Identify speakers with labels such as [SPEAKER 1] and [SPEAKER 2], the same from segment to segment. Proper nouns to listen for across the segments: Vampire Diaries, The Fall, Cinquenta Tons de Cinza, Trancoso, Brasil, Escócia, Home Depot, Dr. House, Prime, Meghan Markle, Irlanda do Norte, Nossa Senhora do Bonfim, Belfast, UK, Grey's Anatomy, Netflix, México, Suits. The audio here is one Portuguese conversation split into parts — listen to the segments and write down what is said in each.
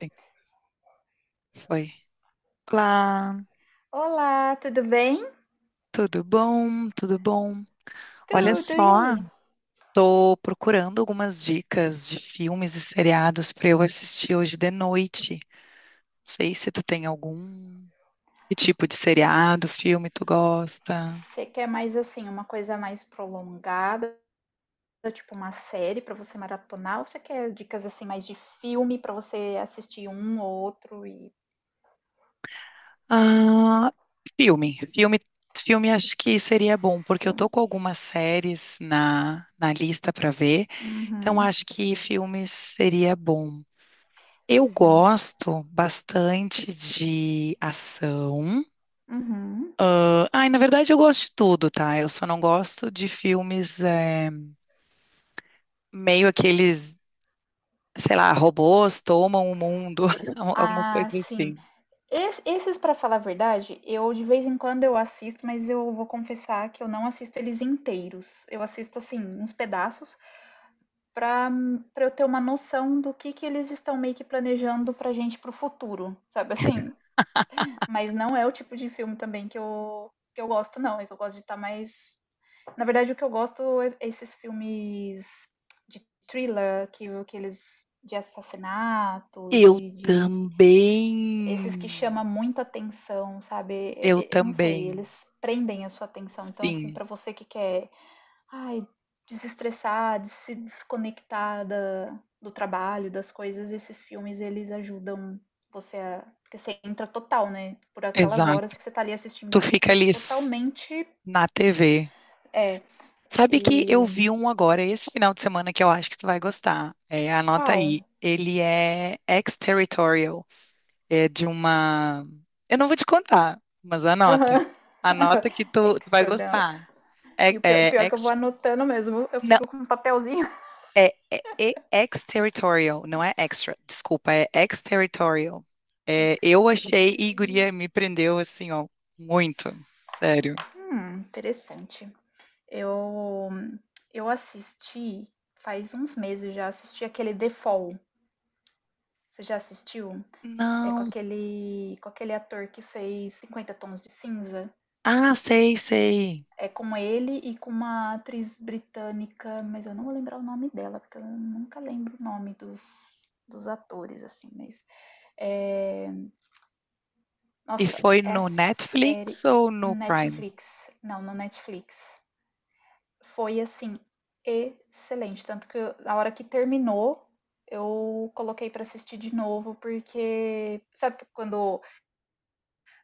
[SPEAKER 1] Sim. Foi. Olá,
[SPEAKER 2] Olá, tudo bem?
[SPEAKER 1] tudo bom? Tudo bom? Olha
[SPEAKER 2] Tudo, e
[SPEAKER 1] só,
[SPEAKER 2] aí?
[SPEAKER 1] tô procurando algumas dicas de filmes e seriados para eu assistir hoje de noite. Não sei se tu tem algum. Que tipo de seriado, filme tu gosta?
[SPEAKER 2] Você quer mais assim, uma coisa mais prolongada, tipo uma série pra você maratonar, ou você quer dicas assim mais de filme pra você assistir um ou outro e
[SPEAKER 1] Ah, filme. Filme, filme acho que seria bom, porque eu tô
[SPEAKER 2] filme?
[SPEAKER 1] com algumas séries na lista para ver, então
[SPEAKER 2] Uhum,
[SPEAKER 1] acho que filmes seria bom. Eu
[SPEAKER 2] sim.
[SPEAKER 1] gosto bastante de ação.
[SPEAKER 2] Uhum.
[SPEAKER 1] Ah, ai, na verdade, eu gosto de tudo, tá? Eu só não gosto de filmes meio aqueles, sei lá, robôs tomam o mundo, algumas
[SPEAKER 2] Ah,
[SPEAKER 1] coisas
[SPEAKER 2] sim.
[SPEAKER 1] assim.
[SPEAKER 2] Esses, pra falar a verdade, eu de vez em quando eu assisto, mas eu vou confessar que eu não assisto eles inteiros. Eu assisto assim, uns pedaços, para para eu ter uma noção do que eles estão meio que planejando pra gente pro futuro, sabe assim? Mas não é o tipo de filme também que eu gosto não, é que eu gosto de estar tá mais. Na verdade, o que eu gosto é esses filmes de thriller, que eles de assassinato,
[SPEAKER 1] Eu
[SPEAKER 2] de esses que chamam
[SPEAKER 1] também.
[SPEAKER 2] muita atenção, sabe? Eu,
[SPEAKER 1] Eu
[SPEAKER 2] eu eu não sei,
[SPEAKER 1] também.
[SPEAKER 2] eles prendem a sua atenção. Então, assim,
[SPEAKER 1] Sim,
[SPEAKER 2] para você que quer. Ai, desestressar, de se desconectar da, do trabalho, das coisas, esses filmes eles ajudam você a. Porque você entra total, né? Por aquelas
[SPEAKER 1] exato.
[SPEAKER 2] horas que você tá ali assistindo,
[SPEAKER 1] Tu
[SPEAKER 2] você
[SPEAKER 1] fica
[SPEAKER 2] fica
[SPEAKER 1] ali s-
[SPEAKER 2] totalmente.
[SPEAKER 1] Na TV.
[SPEAKER 2] É.
[SPEAKER 1] Sabe que eu
[SPEAKER 2] E.
[SPEAKER 1] vi um agora esse final de semana que eu acho que tu vai gostar. É, anota
[SPEAKER 2] Qual?
[SPEAKER 1] aí. Ele é ex-territorial. É de uma. Eu não vou te contar, mas anota.
[SPEAKER 2] Aham. Uhum.
[SPEAKER 1] Anota que tu vai
[SPEAKER 2] External.
[SPEAKER 1] gostar. É,
[SPEAKER 2] E o pior,
[SPEAKER 1] é
[SPEAKER 2] pior que eu
[SPEAKER 1] ex.
[SPEAKER 2] vou anotando mesmo, eu
[SPEAKER 1] Não,
[SPEAKER 2] fico com um papelzinho.
[SPEAKER 1] é ex-territorial, não é extra. Desculpa, é ex-territorial. É, eu achei e guria me prendeu assim, ó, muito. Sério.
[SPEAKER 2] Interessante. Eu, eu assisti, faz uns meses já, assisti aquele The Fall. Você já assistiu? É com
[SPEAKER 1] Não.
[SPEAKER 2] aquele, com aquele ator que fez Cinquenta Tons de Cinza.
[SPEAKER 1] Ah, sei, sei.
[SPEAKER 2] É com ele e com uma atriz britânica, mas eu não vou lembrar o nome dela, porque eu nunca lembro o nome dos atores, assim, mas. É...
[SPEAKER 1] E
[SPEAKER 2] Nossa,
[SPEAKER 1] foi
[SPEAKER 2] é
[SPEAKER 1] no
[SPEAKER 2] série
[SPEAKER 1] Netflix ou no Prime?
[SPEAKER 2] Netflix. Não, no Netflix. Foi assim, excelente. Tanto que na hora que terminou, eu coloquei pra assistir de novo, porque. Sabe quando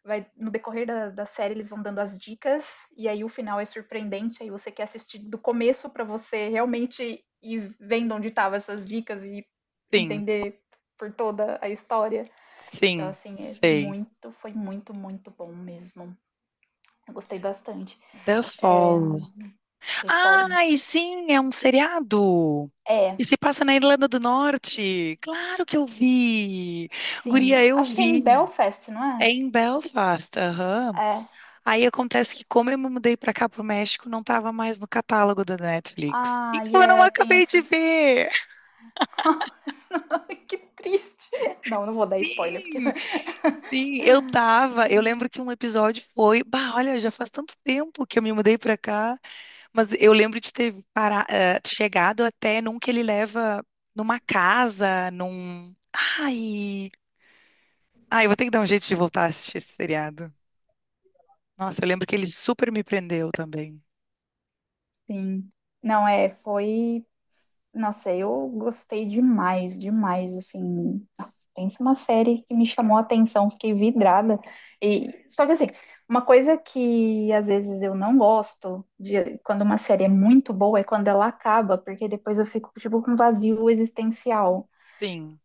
[SPEAKER 2] vai no decorrer da série eles vão dando as dicas e aí o final é surpreendente, aí você quer assistir do começo para você realmente ir vendo onde estavam essas dicas e
[SPEAKER 1] Sim,
[SPEAKER 2] entender por toda a história. Então
[SPEAKER 1] sim,
[SPEAKER 2] assim, é
[SPEAKER 1] sei.
[SPEAKER 2] muito, foi muito, muito bom mesmo. Eu gostei bastante.
[SPEAKER 1] The Fall.
[SPEAKER 2] The Fall.
[SPEAKER 1] Ai, sim, é um seriado.
[SPEAKER 2] É,
[SPEAKER 1] E se passa na Irlanda do Norte. Claro que eu vi.
[SPEAKER 2] sim.
[SPEAKER 1] Guria, eu
[SPEAKER 2] Acho que é em
[SPEAKER 1] vi.
[SPEAKER 2] Belfast, não
[SPEAKER 1] É
[SPEAKER 2] é?
[SPEAKER 1] em Belfast, aham.
[SPEAKER 2] É.
[SPEAKER 1] Aí acontece que, como eu me mudei pra cá, pro México, não tava mais no catálogo da Netflix.
[SPEAKER 2] Ah, e
[SPEAKER 1] Então eu não
[SPEAKER 2] yeah, tem
[SPEAKER 1] acabei de
[SPEAKER 2] essas.
[SPEAKER 1] ver.
[SPEAKER 2] Que triste. Não, não vou dar spoiler porque.
[SPEAKER 1] Sim, sim, eu tava. Eu lembro que um episódio foi. Bah, olha, já faz tanto tempo que eu me mudei pra cá, mas eu lembro de ter para, chegado até num que ele leva numa casa, num. Ai, ai, eu vou ter que dar um jeito de voltar a assistir esse seriado. Nossa, eu lembro que ele super me prendeu também.
[SPEAKER 2] Sim. Não, é, foi. Nossa, eu gostei demais, demais, assim. Nossa, pensa uma série que me chamou a atenção, fiquei vidrada. E só que assim, uma coisa que às vezes eu não gosto de quando uma série é muito boa é quando ela acaba, porque depois eu fico tipo com um vazio existencial.
[SPEAKER 1] Sim.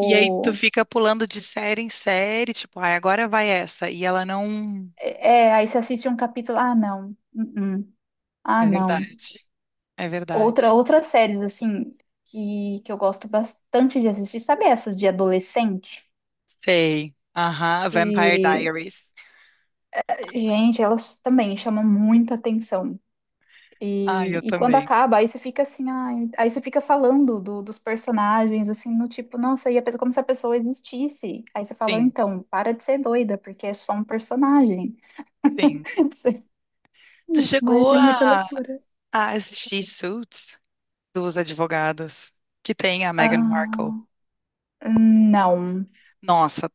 [SPEAKER 1] E aí tu fica pulando de série em série, tipo, ai, agora vai essa. E ela não.
[SPEAKER 2] é, aí você assiste um capítulo, ah, não, -uh, ah,
[SPEAKER 1] É
[SPEAKER 2] não.
[SPEAKER 1] verdade. É
[SPEAKER 2] Outra,
[SPEAKER 1] verdade.
[SPEAKER 2] outras séries assim que eu gosto bastante de assistir, sabe essas de adolescente?
[SPEAKER 1] Sei. Aham, Vampire
[SPEAKER 2] Que.
[SPEAKER 1] Diaries.
[SPEAKER 2] Gente, elas também chamam muita atenção.
[SPEAKER 1] Ah, eu
[SPEAKER 2] E quando
[SPEAKER 1] também.
[SPEAKER 2] acaba, aí você fica assim, ai, aí você fica falando dos personagens, assim, no tipo, nossa, e a pessoa, como se a pessoa existisse. Aí você fala,
[SPEAKER 1] Sim,
[SPEAKER 2] então, para de ser doida, porque é só um personagem.
[SPEAKER 1] sim. Tu
[SPEAKER 2] Mas
[SPEAKER 1] chegou
[SPEAKER 2] é
[SPEAKER 1] a,
[SPEAKER 2] muita loucura.
[SPEAKER 1] a assistir Suits dos advogados que tem a Meghan Markle.
[SPEAKER 2] Ah, não,
[SPEAKER 1] Nossa,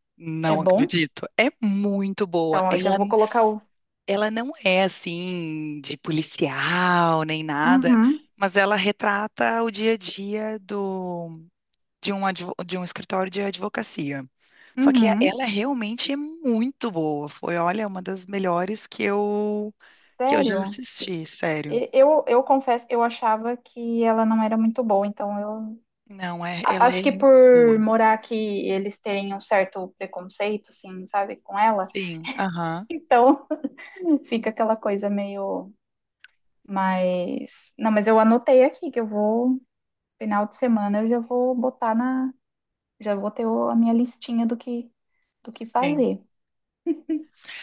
[SPEAKER 2] é
[SPEAKER 1] não
[SPEAKER 2] bom?
[SPEAKER 1] acredito. É muito boa.
[SPEAKER 2] Então, eu já
[SPEAKER 1] Ela,
[SPEAKER 2] vou colocar o.
[SPEAKER 1] ela não é assim de policial nem nada,
[SPEAKER 2] Uhum,
[SPEAKER 1] mas ela retrata o dia a dia do de um, de um escritório de advocacia. Só que
[SPEAKER 2] uhum.
[SPEAKER 1] ela realmente é muito boa. Foi, olha, uma das melhores que eu já
[SPEAKER 2] Sério?
[SPEAKER 1] assisti, sério.
[SPEAKER 2] Eu confesso, eu achava que ela não era muito boa, então eu.
[SPEAKER 1] Não, é,
[SPEAKER 2] A-
[SPEAKER 1] ela é
[SPEAKER 2] Acho que por
[SPEAKER 1] boa.
[SPEAKER 2] morar aqui, eles terem um certo preconceito, assim, sabe, com ela.
[SPEAKER 1] Sim, aham.
[SPEAKER 2] Então, fica aquela coisa meio mais. Não, mas eu anotei aqui que eu vou, final de semana, eu já vou botar na. Já vou ter a minha listinha do que
[SPEAKER 1] Sim.
[SPEAKER 2] fazer.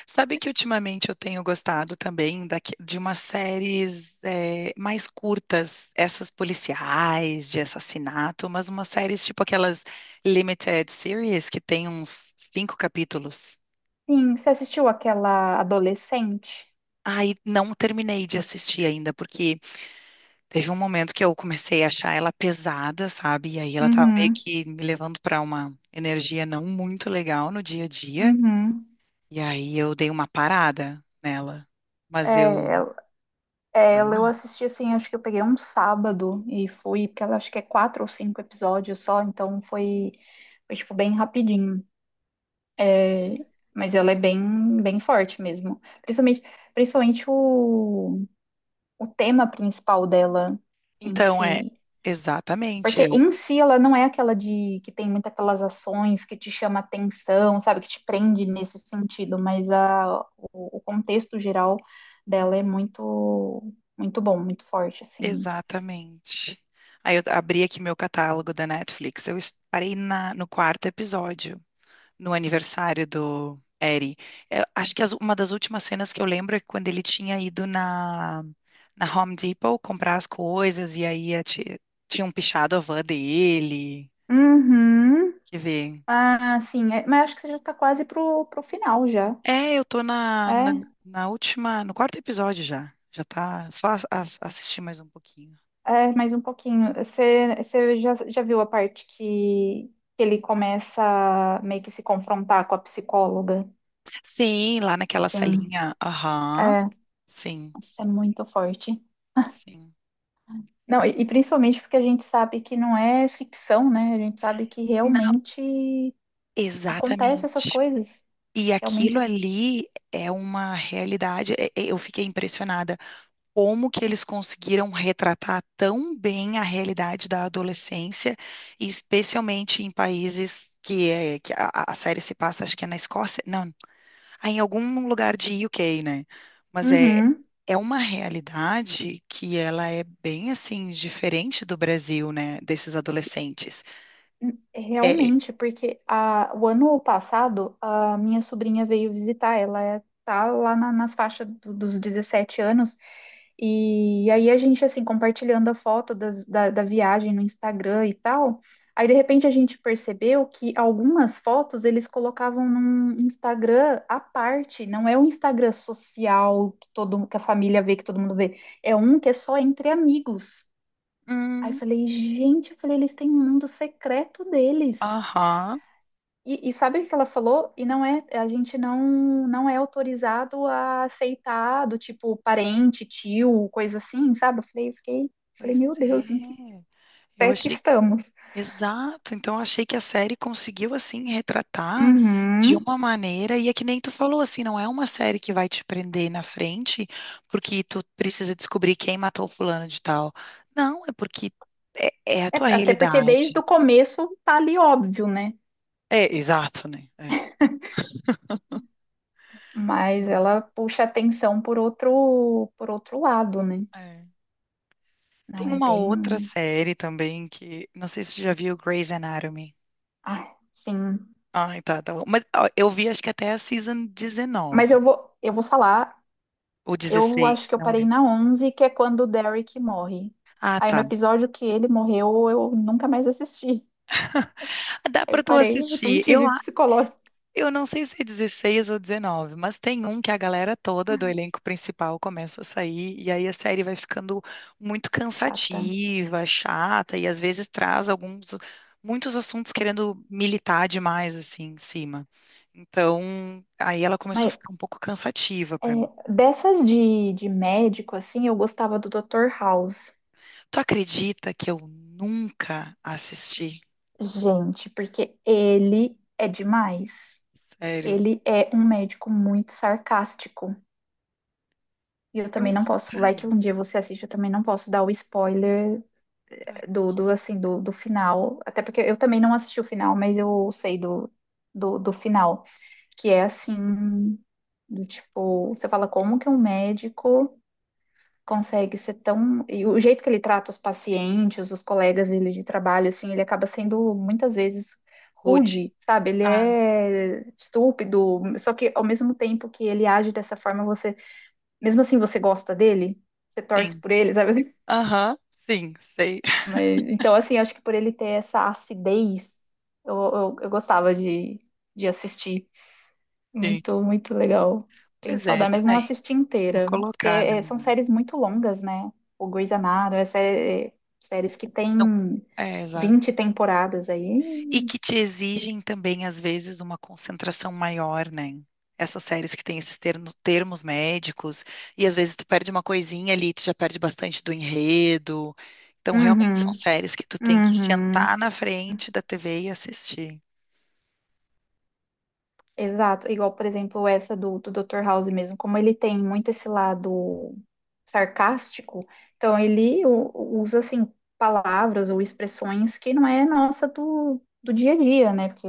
[SPEAKER 1] Sabe que ultimamente eu tenho gostado também de umas séries mais curtas, essas policiais de assassinato, mas umas séries tipo aquelas limited series que tem uns cinco capítulos.
[SPEAKER 2] Sim, você assistiu aquela adolescente?
[SPEAKER 1] Aí não terminei de assistir ainda, porque teve um momento que eu comecei a achar ela pesada, sabe? E aí ela tava meio
[SPEAKER 2] Uhum,
[SPEAKER 1] que me levando para uma energia não muito legal no dia a dia.
[SPEAKER 2] uhum.
[SPEAKER 1] E aí eu dei uma parada nela.
[SPEAKER 2] É,
[SPEAKER 1] Mas eu.
[SPEAKER 2] É, ela eu assisti assim, acho que eu peguei um sábado e fui, porque ela acho que é quatro ou cinco episódios só, então foi tipo bem rapidinho. É, mas ela é bem, bem forte mesmo. Principalmente, principalmente o tema principal dela em
[SPEAKER 1] Então é
[SPEAKER 2] si.
[SPEAKER 1] exatamente,
[SPEAKER 2] Porque
[SPEAKER 1] eu
[SPEAKER 2] em si ela não é aquela de que tem muitas aquelas ações que te chama atenção, sabe, que te prende nesse sentido, mas a, o contexto geral dela
[SPEAKER 1] Hum.
[SPEAKER 2] é muito muito bom, muito forte, assim.
[SPEAKER 1] Exatamente. Aí eu abri aqui meu catálogo da Netflix. Parei no quarto episódio, no aniversário do Eri. Eu acho que uma das últimas cenas que eu lembro é quando ele tinha ido na Home Depot comprar as coisas e aí tinham pichado a van dele.
[SPEAKER 2] Uhum.
[SPEAKER 1] Quer ver?
[SPEAKER 2] Ah, sim. Mas acho que você já está quase pro final já.
[SPEAKER 1] É, eu tô
[SPEAKER 2] É,
[SPEAKER 1] na última, no quarto episódio já. Já tá, só assistir mais um pouquinho.
[SPEAKER 2] é, mais um pouquinho. Você já viu a parte que ele começa a meio que se confrontar com a psicóloga?
[SPEAKER 1] Sim, lá naquela
[SPEAKER 2] Sim.
[SPEAKER 1] salinha. Aham.
[SPEAKER 2] É,
[SPEAKER 1] Sim,
[SPEAKER 2] isso é muito forte.
[SPEAKER 1] sim.
[SPEAKER 2] Não, e principalmente porque a gente sabe que não é ficção, né? A gente sabe que
[SPEAKER 1] Não,
[SPEAKER 2] realmente acontece essas
[SPEAKER 1] exatamente.
[SPEAKER 2] coisas.
[SPEAKER 1] E aquilo
[SPEAKER 2] Realmente.
[SPEAKER 1] ali é uma realidade. Eu fiquei impressionada como que eles conseguiram retratar tão bem a realidade da adolescência, e especialmente em países que, é, que a série se passa, acho que é na Escócia, não, ah, em algum lugar de UK, né? Mas é,
[SPEAKER 2] Uhum.
[SPEAKER 1] é uma realidade que ela é bem assim diferente do Brasil, né? Desses adolescentes. É,
[SPEAKER 2] Realmente, porque a, o ano passado a minha sobrinha veio visitar, ela é, tá lá nas faixas dos 17 anos, e aí a gente assim compartilhando a foto da viagem no Instagram e tal. Aí de repente a gente percebeu que algumas fotos eles colocavam num Instagram à parte, não é um Instagram social que todo que a família vê, que todo mundo vê, é um que é só entre amigos. Aí
[SPEAKER 1] hum,
[SPEAKER 2] falei, gente, eu falei, eles têm um mundo secreto deles.
[SPEAKER 1] aham,
[SPEAKER 2] E sabe o que ela falou? E não é, a gente não é autorizado a aceitar do tipo parente, tio, coisa assim, sabe? Eu falei, eu fiquei, falei,
[SPEAKER 1] pois
[SPEAKER 2] meu Deus, em que
[SPEAKER 1] é. Eu
[SPEAKER 2] pé que
[SPEAKER 1] achei
[SPEAKER 2] estamos?
[SPEAKER 1] exato, então achei que a série conseguiu assim retratar de
[SPEAKER 2] Uhum.
[SPEAKER 1] uma maneira, e é que nem tu falou assim, não é uma série que vai te prender na frente porque tu precisa descobrir quem matou fulano de tal. Não, é porque é, é a
[SPEAKER 2] É,
[SPEAKER 1] tua
[SPEAKER 2] até porque desde
[SPEAKER 1] realidade.
[SPEAKER 2] o começo tá ali óbvio, né?
[SPEAKER 1] É, exato, né? É.
[SPEAKER 2] Mas
[SPEAKER 1] Hum,
[SPEAKER 2] ela puxa atenção por outro lado, né?
[SPEAKER 1] é.
[SPEAKER 2] Não
[SPEAKER 1] Tem
[SPEAKER 2] é
[SPEAKER 1] uma outra
[SPEAKER 2] bem,
[SPEAKER 1] série também que não sei se tu já viu Grey's Anatomy.
[SPEAKER 2] ah, sim.
[SPEAKER 1] Ai, tá, tá bom. Mas ó, eu vi acho que até a season
[SPEAKER 2] Mas
[SPEAKER 1] 19
[SPEAKER 2] eu vou falar.
[SPEAKER 1] ou
[SPEAKER 2] Eu acho
[SPEAKER 1] 16
[SPEAKER 2] que eu
[SPEAKER 1] não
[SPEAKER 2] parei
[SPEAKER 1] lembro.
[SPEAKER 2] na 11, que é quando o Derek morre.
[SPEAKER 1] Ah,
[SPEAKER 2] Aí no
[SPEAKER 1] tá.
[SPEAKER 2] episódio que ele morreu, eu nunca mais assisti.
[SPEAKER 1] Dá
[SPEAKER 2] Aí eu
[SPEAKER 1] pra tu
[SPEAKER 2] parei, eu não
[SPEAKER 1] assistir. Eu
[SPEAKER 2] tive psicológico.
[SPEAKER 1] Eu não sei se é 16 ou 19, mas tem um que a galera toda do elenco principal começa a sair, e aí a série vai ficando muito
[SPEAKER 2] Chata.
[SPEAKER 1] cansativa, chata, e às vezes traz alguns, muitos assuntos querendo militar demais, assim, em cima. Então, aí ela começou a
[SPEAKER 2] Mas
[SPEAKER 1] ficar um pouco cansativa pra mim.
[SPEAKER 2] é, dessas de médico, assim, eu gostava do Dr. House.
[SPEAKER 1] Tu acredita que eu nunca assisti?
[SPEAKER 2] Gente, porque ele é demais.
[SPEAKER 1] Sério?
[SPEAKER 2] Ele é um médico muito sarcástico. E eu
[SPEAKER 1] Eu.
[SPEAKER 2] também não posso. Vai
[SPEAKER 1] Ai,
[SPEAKER 2] que um dia você assiste, eu também não posso dar o spoiler
[SPEAKER 1] tá.
[SPEAKER 2] do assim, do final. Até porque eu também não assisti o final, mas eu sei do final. Que é assim, do tipo, você fala como que um médico consegue ser tão. E o jeito que ele trata os pacientes, os colegas dele de trabalho, assim, ele acaba sendo muitas vezes
[SPEAKER 1] Pude.
[SPEAKER 2] rude, sabe? Ele
[SPEAKER 1] Ah,
[SPEAKER 2] é estúpido, só que ao mesmo tempo que ele age dessa forma, você, mesmo assim, você gosta dele, você torce
[SPEAKER 1] sim.
[SPEAKER 2] por ele, sabe?
[SPEAKER 1] Aham, sim, sei.
[SPEAKER 2] Mas, então, assim, acho que por ele ter essa acidez, eu gostava de assistir.
[SPEAKER 1] Sim.
[SPEAKER 2] Muito, muito legal. Tenho
[SPEAKER 1] Pois é,
[SPEAKER 2] saudade, mas
[SPEAKER 1] tá.
[SPEAKER 2] não assisti
[SPEAKER 1] Vou
[SPEAKER 2] inteira. Porque
[SPEAKER 1] colocar na
[SPEAKER 2] é, são
[SPEAKER 1] minha.
[SPEAKER 2] séries muito longas, né? O Grey's Anatomy, é séries que
[SPEAKER 1] Então,
[SPEAKER 2] tem
[SPEAKER 1] é, exato.
[SPEAKER 2] 20 temporadas
[SPEAKER 1] E
[SPEAKER 2] aí.
[SPEAKER 1] que te exigem também, às vezes, uma concentração maior, né? Essas séries que têm esses termos, termos médicos, e às vezes tu perde uma coisinha ali, tu já perde bastante do enredo. Então, realmente são
[SPEAKER 2] Uhum,
[SPEAKER 1] séries que tu tem que
[SPEAKER 2] uhum.
[SPEAKER 1] sentar na frente da TV e assistir.
[SPEAKER 2] Exato, igual, por exemplo, essa do Dr. House mesmo, como ele tem muito esse lado sarcástico, então ele usa, assim, palavras ou expressões que não é nossa do dia a dia, né? Porque,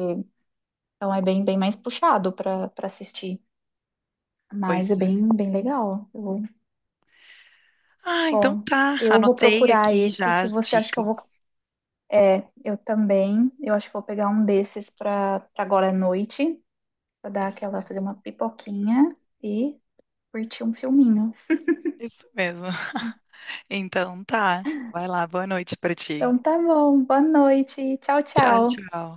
[SPEAKER 2] então é bem, bem mais puxado para assistir, mas
[SPEAKER 1] Pois
[SPEAKER 2] é
[SPEAKER 1] é.
[SPEAKER 2] bem, bem legal. Eu vou-
[SPEAKER 1] Ah, então
[SPEAKER 2] bom,
[SPEAKER 1] tá.
[SPEAKER 2] eu vou
[SPEAKER 1] Anotei
[SPEAKER 2] procurar
[SPEAKER 1] aqui
[SPEAKER 2] esse
[SPEAKER 1] já
[SPEAKER 2] que
[SPEAKER 1] as
[SPEAKER 2] você acha que eu vou...
[SPEAKER 1] dicas.
[SPEAKER 2] É, eu também, eu acho que vou pegar um desses para agora à noite, para dar
[SPEAKER 1] Isso
[SPEAKER 2] aquela, fazer
[SPEAKER 1] mesmo.
[SPEAKER 2] uma pipoquinha e curtir um filminho.
[SPEAKER 1] Isso mesmo. Então tá. Vai lá, boa noite pra ti.
[SPEAKER 2] Então tá bom, boa noite. Tchau,
[SPEAKER 1] Tchau,
[SPEAKER 2] tchau.
[SPEAKER 1] tchau.